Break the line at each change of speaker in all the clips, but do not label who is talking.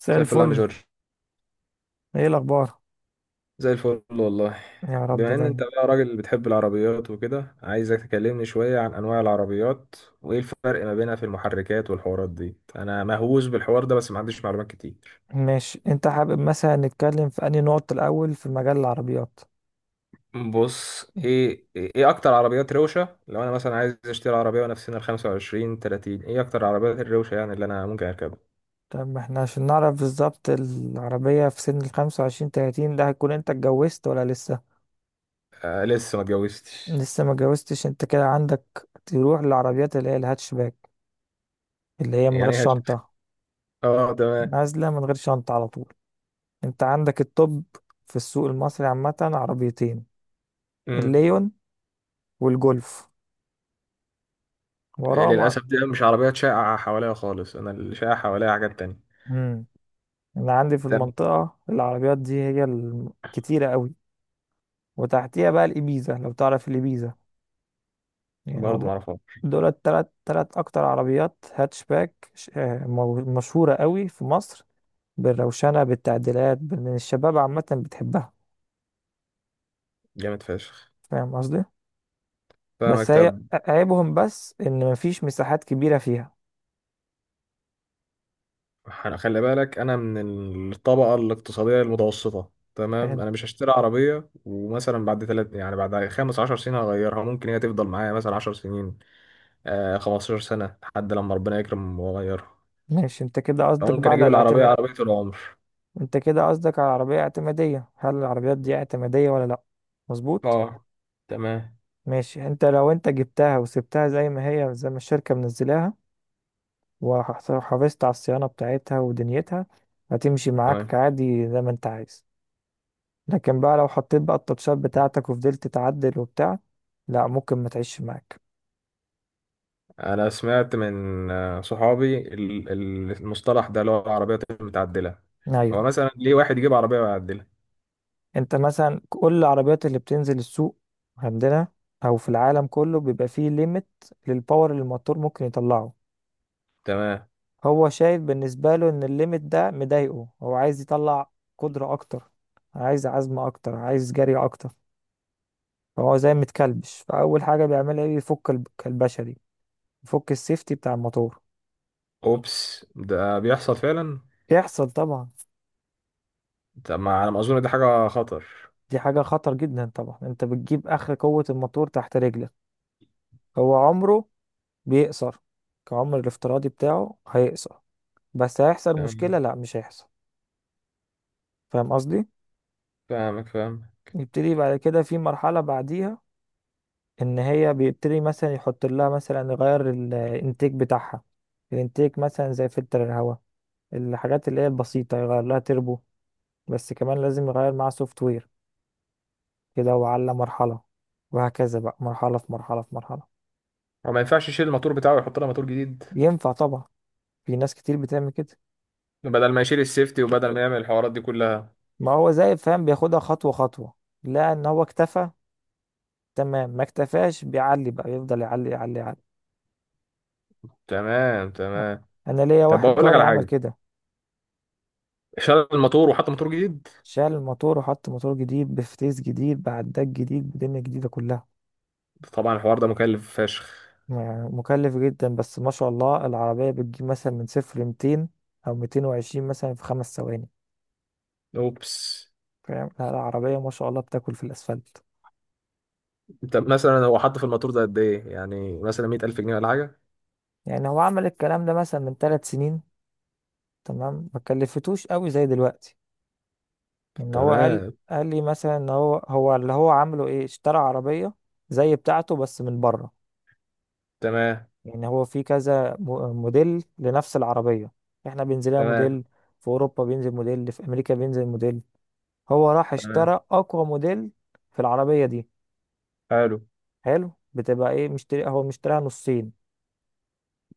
مساء
مساء الفل يا عم
الفل.
جورج.
ايه الاخبار؟
زي الفل والله.
يا رب
بما ان انت
دايما.
بقى راجل بتحب العربيات وكده، عايزك تكلمني شوية عن انواع العربيات وايه الفرق ما بينها في المحركات والحوارات دي. انا مهووس بالحوار ده بس ما عنديش معلومات كتير.
ماشي، انت حابب مثلا نتكلم في انهي نقطة الاول في مجال العربيات؟
بص، ايه اكتر عربيات روشة؟ لو انا مثلا عايز اشتري عربية وانا في سن ال 25 30، ايه اكتر عربيات الروشة يعني اللي انا ممكن اركبها؟
طب احنا عشان نعرف بالظبط العربية في سن الخمسة وعشرين تلاتين ده، هتكون انت اتجوزت ولا لسه؟
آه، لسه ما اتجوزتش.
لسه ما اتجوزتش، انت كده عندك تروح للعربيات اللي هي الهاتشباك، اللي هي من غير
يعني هش...
شنطة.
اه، تمام.
نازلة من غير شنطة على طول. انت عندك التوب. في السوق المصري عامة عربيتين:
امم
الليون والجولف. وراهم
للاسف دي مش عربيات شائعة حواليا خالص، انا اللي شائع حواليا حاجات تانية.
مم. انا عندي في المنطقة العربيات دي هي الكتيرة قوي، وتحتيها بقى الإبيزا لو تعرف الإبيزا. يعني
برضه
هم
معرفة.
دول التلات تلات أكتر عربيات هاتشباك مشهورة قوي في مصر. بالروشنة بالتعديلات الشباب عامة بتحبها.
جامد فشخ.
فاهم قصدي؟ بس
فاهمك.
هي
طب،
عيبهم بس إن مفيش مساحات كبيرة فيها.
خلي بالك انا من الطبقه الاقتصاديه المتوسطه، تمام؟
فاهم.
انا مش هشتري عربيه ومثلا بعد ثلاث يعني بعد خمس عشر سنين هغيرها، ممكن هي تفضل معايا مثلا عشر سنين. آه، 15 سنه لحد لما ربنا يكرم واغيرها.
ماشي، انت كده قصدك بقى
ممكن
على
اجيب العربيه،
الاعتماد.
عربيه العمر.
انت كده قصدك على عربية اعتمادية، هل العربيات دي اعتمادية ولا لأ؟ مظبوط.
اه، تمام
ماشي، انت لو انت جبتها وسبتها زي ما هي زي ما الشركة منزلاها، وحافظت على الصيانة بتاعتها ودنيتها، هتمشي معاك
تمام.
عادي زي ما انت عايز. لكن بقى لو حطيت بقى التاتشات بتاعتك وفضلت تعدل وبتاع، لا ممكن ما تعيش معاك.
انا سمعت من صحابي المصطلح ده اللي هو العربيات المتعدله. هو
ايوه.
مثلا ليه واحد يجيب عربيه معدله؟
انت مثلا كل العربيات اللي بتنزل السوق عندنا او في العالم كله بيبقى فيه ليميت للباور اللي الموتور ممكن يطلعه.
تمام.
هو شايف بالنسبة له ان الليميت ده مضايقه، هو عايز يطلع قدرة اكتر، عايز عزم اكتر، عايز جري اكتر. فهو زي متكلبش، فاول حاجة بيعملها ايه، يفك الكلبشة دي، يفك السيفتي بتاع الموتور.
اوبس، ده بيحصل فعلا.
يحصل طبعا.
طب ما على ما اظن دي حاجه خطر.
دي حاجة خطر جدا طبعا، انت بتجيب اخر قوة الموتور تحت رجلك. هو عمره بيقصر، كعمر الافتراضي بتاعه هيقصر. بس هيحصل مشكلة؟
تمام.
لا، مش هيحصل. فاهم قصدي؟
فاهمك فاهم.
يبتدي بعد كده في مرحلة بعديها، ان هي بيبتدي مثلا يحط لها، مثلا يغير الانتيك بتاعها. الانتيك مثلا زي فلتر الهواء، الحاجات اللي هي البسيطة. يغير لها تربو، بس كمان لازم يغير معاها سوفت وير. كده، وعلى مرحلة، وهكذا بقى مرحلة في مرحلة في مرحلة.
هو ما ينفعش يشيل الماتور بتاعه ويحط لها ماتور جديد؟
ينفع طبعا، في ناس كتير بتعمل كده.
بدل ما يشيل السيفتي وبدل ما يعمل الحوارات دي كلها.
ما هو زي فاهم بياخدها خطوة خطوة. لا، ان هو اكتفى تمام، ما اكتفاش بيعلي بقى، يفضل يعلي يعلي يعلي.
تمام تمام.
انا ليا
طب
واحد
بقول لك
جاري
على
عمل
حاجه،
كده.
شال الماتور وحط موتور جديد.
شال الموتور وحط موتور جديد، بفتيس جديد، بعداد جديد، بدنيا جديدة كلها.
طبعا الحوار ده مكلف فشخ.
يعني مكلف جدا، بس ما شاء الله العربية بتجيب مثلا من صفر لميتين، أو ميتين وعشرين، مثلا في خمس ثواني.
اوبس،
فاهم؟ لا، العربية ما شاء الله بتاكل في الأسفلت.
انت مثلا هو حط في الماتور ده قد ايه؟ يعني مثلا 100,000 جنيه ولا حاجه؟
يعني هو عمل الكلام ده مثلا من ثلاث سنين، تمام؟ ما كلفتوش قوي زي دلوقتي. إن هو قال
تمام.
قال لي مثلا إن هو، هو اللي هو عامله إيه، اشترى عربية زي بتاعته بس من بره.
تمام.
يعني هو في كذا موديل لنفس العربية. احنا بينزل لها
تمام.
موديل، في أوروبا بينزل موديل، في أمريكا بينزل موديل. هو راح
تمام.
اشترى أقوى موديل في العربية دي.
حلو.
حلو. بتبقى ايه، مشتري؟ هو مشتريها نصين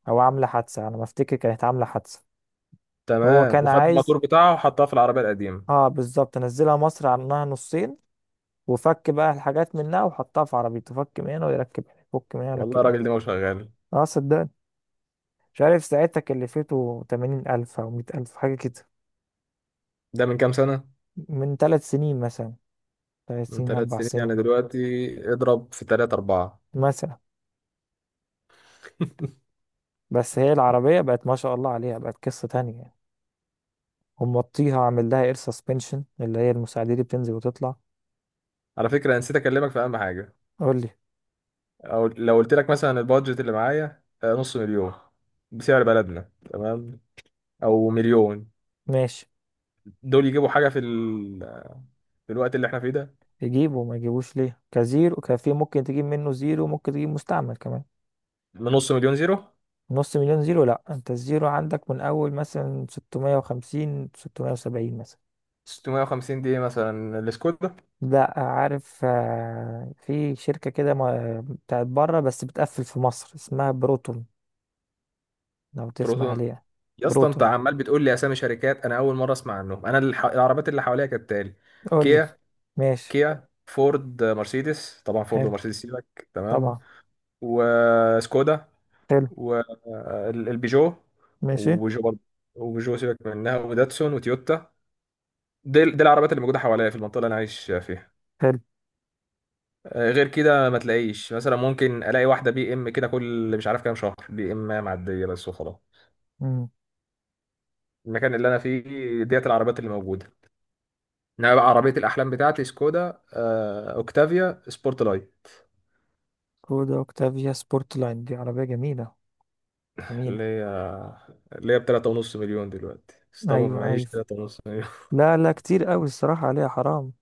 أو عاملة حادثة، أنا ما أفتكر كانت عاملة حادثة. هو
تمام.
كان
وخد
عايز،
الماتور بتاعه وحطها في العربيه القديمه.
اه بالظبط، نزلها مصر عنها نصين، وفك بقى الحاجات منها وحطها في عربيته. فك من هنا ويركب هنا، فك من هنا
والله
ويركب هنا.
الراجل ده ما هو شغال.
اه صدقني. مش عارف ساعتها كلفته تمانين ألف أو مية ألف، حاجة كده.
ده من كام سنة؟
من ثلاث سنين مثلا، ثلاث
من
سنين
ثلاث
أربع
سنين، يعني
سنين
دلوقتي اضرب في ثلاثة أربعة.
مثلا. بس هي العربية بقت ما شاء الله عليها، بقت قصة تانية يعني. هم موطيها، عامل لها اير سسبنشن، اللي هي المساعدة دي بتنزل وتطلع.
على فكرة أنا نسيت أكلمك في أهم حاجة.
قول لي.
أو لو قلت لك مثلا البادجت اللي معايا نص مليون بسعر بلدنا، تمام؟ أو مليون.
ماشي.
دول يجيبوا حاجة في الوقت اللي احنا فيه ده؟
يجيبه وما يجيبوش ليه؟ كزيرو كفي، ممكن تجيب منه زيرو، ممكن تجيب مستعمل كمان.
من نص مليون زيرو؟
نص مليون زيرو؟ لا، انت الزيرو عندك من اول مثلا 650، 670 مثلا.
650 دي مثلا السكودا؟
لا، عارف، في شركة كده بتاعت بره بس بتقفل في مصر، اسمها بروتون، لو تسمع
بروتون؟
عليها.
يا اسطى انت
بروتون.
عمال بتقول لي اسامي شركات انا اول مره اسمع عنهم. انا العربيات اللي حواليا كالتالي:
قول لي.
كيا.
ماشي.
فورد، مرسيدس. طبعا فورد
حلو.
ومرسيدس سيبك، تمام؟
طبعا.
وسكودا.
حلو.
والبيجو.
ماشي.
وبيجو برضه. وبيجو سيبك منها. وداتسون وتويوتا. دي العربيات اللي موجودة حواليا في المنطقة اللي أنا عايش فيها.
حلو.
غير كده ما تلاقيش. مثلا ممكن ألاقي واحدة بي إم كده كل مش عارف كام شهر، بي إم معدية بس وخلاص.
امم.
المكان اللي أنا فيه ديت العربيات اللي موجودة. إنما بقى عربية الأحلام بتاعتي سكودا، أوكتافيا سبورت لاي.
كودا اوكتافيا سبورت لاين، دي عربية جميلة. جميلة.
اللي هي اللي هي ب 3.5 مليون دلوقتي، بس طبعا
ايوه،
معيش
ايوه.
3.5.
لا، لا، كتير قوي الصراحة عليها، حرام.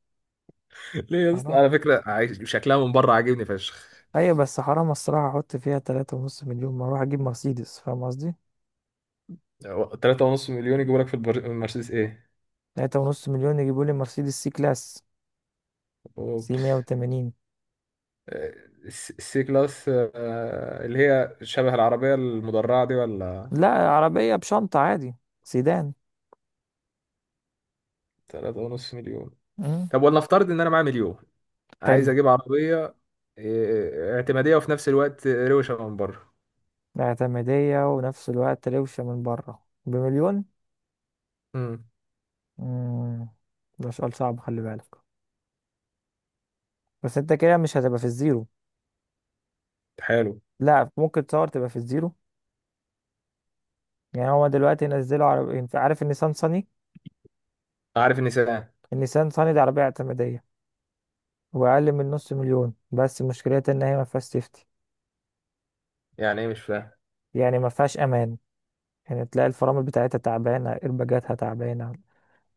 ليه يا اسطى؟
حرام.
على فكره عايش شكلها من بره عاجبني فشخ.
ايوه، بس حرام الصراحة احط فيها تلاتة ونص مليون، ما اروح اجيب مرسيدس. فاهم قصدي؟
3.5 مليون يجيبوا لك في المرسيدس ايه؟
تلاتة ونص مليون يجيبوا لي مرسيدس سي كلاس، سي
اوبس.
180.
آه، السي كلاس، اللي هي شبه العربيه المدرعه دي ولا؟
لا، عربية بشنطة عادي. سيدان.
3.5 مليون.
امم.
طب ولنفترض ان انا معايا مليون، عايز
حلو.
اجيب عربيه اعتماديه وفي نفس الوقت روشه من بره.
اعتمادية ونفس الوقت روشة من بره بمليون؟
امم.
امم. ده سؤال صعب، خلي بالك. بس انت كده مش هتبقى في الزيرو.
حلو.
لا، ممكن تصور تبقى في الزيرو. يعني هو دلوقتي نزلوا عربية، انت عارف النيسان صني؟
عارف النساء؟
النيسان صني دي عربية اعتمادية وأقل من نص مليون، بس مشكلتها إن هي ما فيهاش سيفتي.
يعني ايه؟ مش فاهم.
يعني ما فيهاش أمان. يعني تلاقي الفرامل بتاعتها تعبانة، إرباجاتها تعبانة،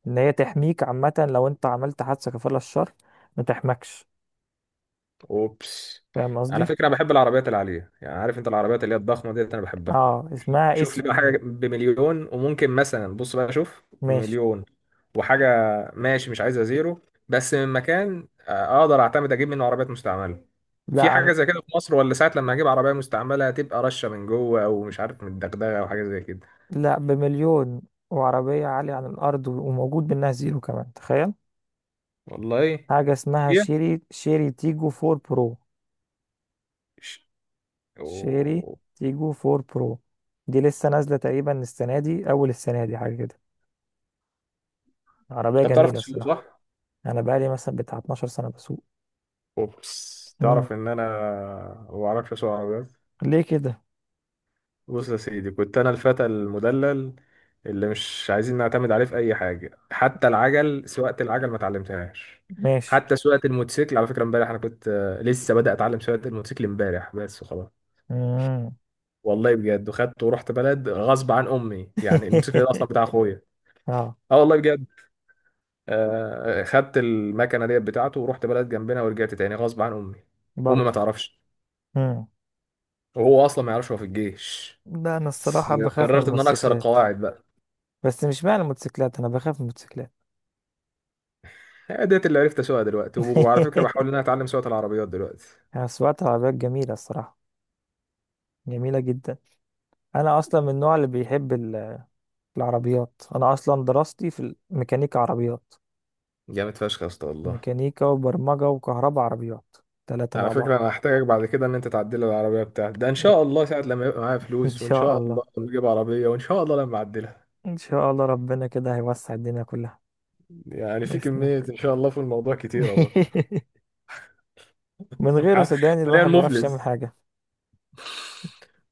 إن هي تحميك عامة لو أنت عملت حادثة كفر الله الشر، ما تحمكش.
اوبس.
فاهم
على
قصدي؟
فكره انا بحب العربيات العاليه. يعني عارف انت العربيات اللي هي الضخمه ديت، انا بحبها.
اه، اسمها
شوف
اس
لي
يو
بقى
في.
حاجه بمليون. وممكن مثلا، بص بقى، شوف
ماشي.
مليون وحاجه. ماشي، مش عايزها زيرو، بس من مكان اقدر اعتمد اجيب منه عربيات مستعمله.
لا
في حاجه زي كده في مصر، ولا ساعه لما اجيب عربيه مستعمله هتبقى رشه من جوه او مش عارف من الدغدغه او حاجه زي كده؟
لا، بمليون وعربية عالية عن الأرض وموجود منها زيرو كمان، تخيل.
والله.
حاجة اسمها
هي
شيري تيجو 4 برو.
ش-
شيري
أوه.
تيجو 4 برو. دي لسه نازلة تقريبا السنة دي، أول السنة دي، حاجة كده. عربية
انت بتعرف
جميلة
تسوق
الصراحة.
صح؟
أنا بقالي مثلا بتاع 12 سنة بسوق.
اوبس،
مم.
تعرف ان انا ما بعرفش اسوق عربيات.
ليه كده؟
بص يا سيدي، كنت انا الفتى المدلل اللي مش عايزين نعتمد عليه في اي حاجه. حتى العجل، سواقه العجل ما اتعلمتهاش.
ماشي.
حتى سواقه الموتوسيكل. على فكره امبارح انا كنت لسه بدأ اتعلم سواقه الموتوسيكل امبارح بس وخلاص.
مم.
والله بجد. وخدت ورحت بلد غصب عن امي. يعني الموتوسيكل ده اصلا بتاع اخويا.
اه.
اه والله بجد. خدت المكنه ديت بتاعته ورحت بلد جنبنا ورجعت تاني غصب عن امي. امي ما
برضه.
تعرفش.
مم.
وهو اصلا ما يعرفش، هو في الجيش.
لا، أنا
بس
الصراحة بخاف من
قررت ان انا اكسر
الموتوسيكلات.
القواعد بقى.
بس مش معنى الموتوسيكلات، أنا بخاف من الموتوسيكلات.
هي ديت اللي عرفت اسوقها دلوقتي، وعلى فكره بحاول ان انا اتعلم سواقه العربيات دلوقتي.
أنا سواقة العربيات جميلة الصراحة، جميلة جدا. أنا أصلا من النوع اللي بيحب العربيات انا اصلا دراستي في الميكانيكا عربيات،
جامد فشخ يا اسطى والله.
ميكانيكا وبرمجة وكهرباء عربيات، ثلاثة
على
مع بعض.
فكره انا هحتاجك بعد كده ان انت تعدل لي العربيه بتاعتي ده، ان شاء الله ساعه لما يبقى معايا
ان
فلوس، وان
شاء
شاء الله
الله.
لما اجيب عربيه، وان شاء الله لما اعدلها.
ان شاء الله ربنا كده هيوسع الدنيا كلها.
يعني في
بإذن
كميه
الله.
ان شاء الله في الموضوع كتيره برضه.
من غيره
أنا
صدقني
حاليا
الواحد ما يعرفش يعمل
مفلس.
حاجة.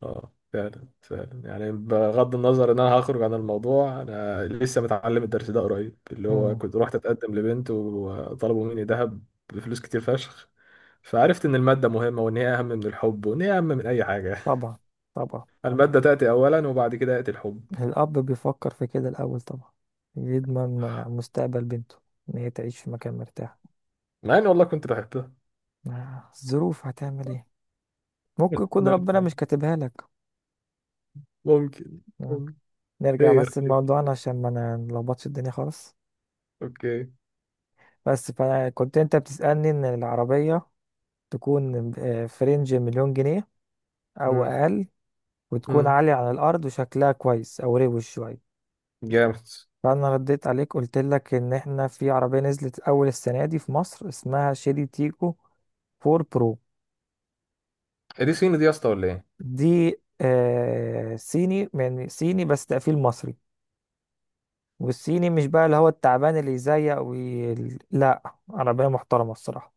اه فعلا فعلا. يعني بغض النظر ان انا هخرج عن الموضوع، انا لسه متعلم الدرس ده قريب، اللي هو
مم.
كنت رحت اتقدم لبنت وطلبوا مني ذهب بفلوس كتير فشخ. فعرفت ان المادة مهمة، وان هي اهم من الحب، وان هي اهم من اي حاجة.
طبعا. طبعا.
المادة تأتي اولا وبعد كده يأتي الحب.
الاب بيفكر في كده الاول طبعا، يضمن مستقبل بنته، ان هي تعيش في مكان مرتاح.
مع اني والله كنت بحبها.
الظروف هتعمل ايه. ممكن يكون
لا،
ربنا مش كاتبها لك.
ممكن.
آه.
ممكن.
نرجع
خير
بس
خير.
لموضوعنا عشان ما نلخبطش الدنيا خالص.
اوكي.
بس فأنا كنت، أنت بتسألني إن العربية تكون في رينج مليون جنيه أو
امم
أقل، وتكون
امم.
عالية على الأرض وشكلها كويس أو روش شوية.
جامد.
فأنا رديت عليك قلت لك إن إحنا في عربية نزلت أول السنة دي في مصر، اسمها شيري تيكو 4 برو.
دي صيني دي يا اسطى ولا ايه؟
دي آه، صيني، يعني صيني بس تقفيل مصري. والصيني مش بقى اللي هو التعبان اللي يزيق لا، عربية محترمة الصراحة،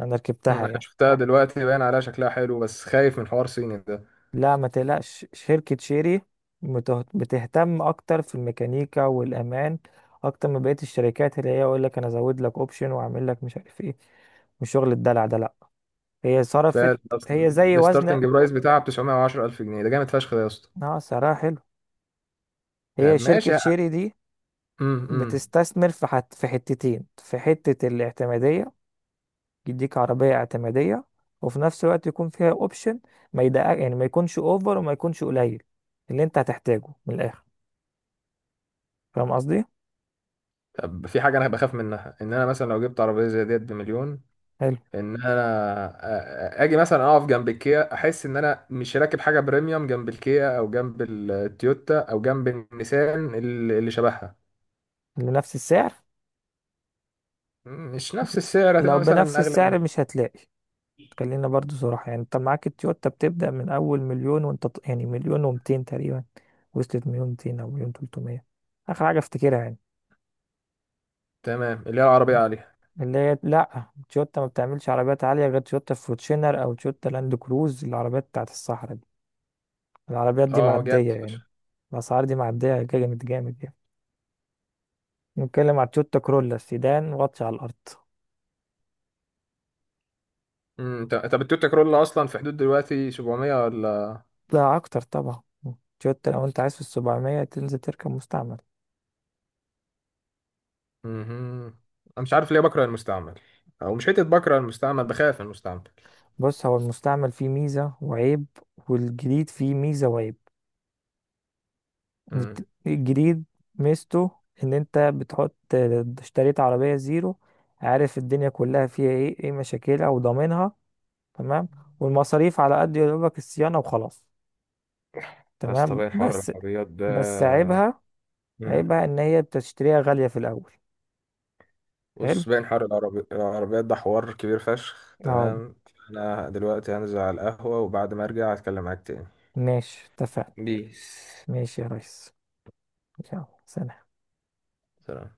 أنا
مم.
ركبتها
انا
يعني.
شفتها دلوقتي باين عليها شكلها حلو، بس خايف من حوار صيني ده.
لا، ما تقلقش، شركة شيري بتهتم أكتر في الميكانيكا والأمان، أكتر من بقية الشركات اللي هي يقول لك أنا أزود لك أوبشن وأعمل لك مش عارف إيه. مش شغل الدلع ده لأ. هي صرفت، هي زي وزن.
فالستارتنج برايس بتاعها ب 910,000 جنيه ده جامد فشخ ده يا اسطى.
أه، سعرها حلو. هي
طب
شركة
ماشي.
شيري دي
امم.
بتستثمر في في حتتين، في حتة الاعتمادية، يديك عربية اعتمادية، وفي نفس الوقت يكون فيها أوبشن. ما يدقق، يعني ما يكونش أوفر وما يكونش قليل، اللي أنت هتحتاجه من الآخر. فاهم قصدي؟
طب في حاجة انا بخاف منها، ان انا مثلا لو جبت عربية زي ديت بمليون،
حلو.
ان انا اجي مثلا اقف جنب الكيا، احس ان انا مش راكب حاجه بريميوم جنب الكيا او جنب التويوتا او جنب النيسان اللي شبهها.
لنفس السعر.
مش نفس السعر،
لو
هتبقى
بنفس
مثلا اغلى
السعر
من.
مش هتلاقي. خلينا برضو صراحة، يعني انت معاك التويوتا بتبدأ من أول مليون، وانت يعني مليون ومتين تقريبا، وصلت مليون ميتين أو مليون تلتمية، آخر حاجة افتكرها يعني.
تمام، اللي هي العربيه عليها.
اللي هي لأ، تويوتا ما بتعملش عربيات عالية غير تويوتا فورتشنر أو تويوتا لاند كروز، العربيات بتاعت الصحراء دي. العربيات دي
اه جامد
معدية
فشخ.
يعني، الأسعار دي معدية جامد جامد يعني. نتكلم على تويوتا كرولا سيدان، واطي على الأرض.
مم، طب التويوتا كرولا اصلا في حدود دلوقتي 700 ولا؟
ده اكتر طبعا. تويوتا لو انت عايز في السبعمية، تنزل تركب مستعمل.
مهم. انا مش عارف ليه بكره المستعمل. او مش حته بكره المستعمل، بخاف من المستعمل.
بص، هو المستعمل فيه ميزة وعيب، والجديد فيه ميزة وعيب. إن
مم.
الجديد ميزته ان انت بتحط، اشتريت عربية زيرو، عارف الدنيا كلها فيها ايه ايه مشاكلها وضامنها، تمام؟ والمصاريف على قد يدوبك الصيانة وخلاص.
بس
تمام،
طبيعي حوار
بس
العربيات ده.
بس عيبها،
مم.
عيبها ان هي بتشتريها غالية في الاول. حلو.
بص، بين حر العربيات ده حوار كبير فشخ.
اه.
تمام. انا دلوقتي هنزل على القهوة وبعد ما ارجع هتكلم معاك تاني.
ماشي، اتفقنا.
بيس.
ماشي يا ريس. يلا سلام.
سلام.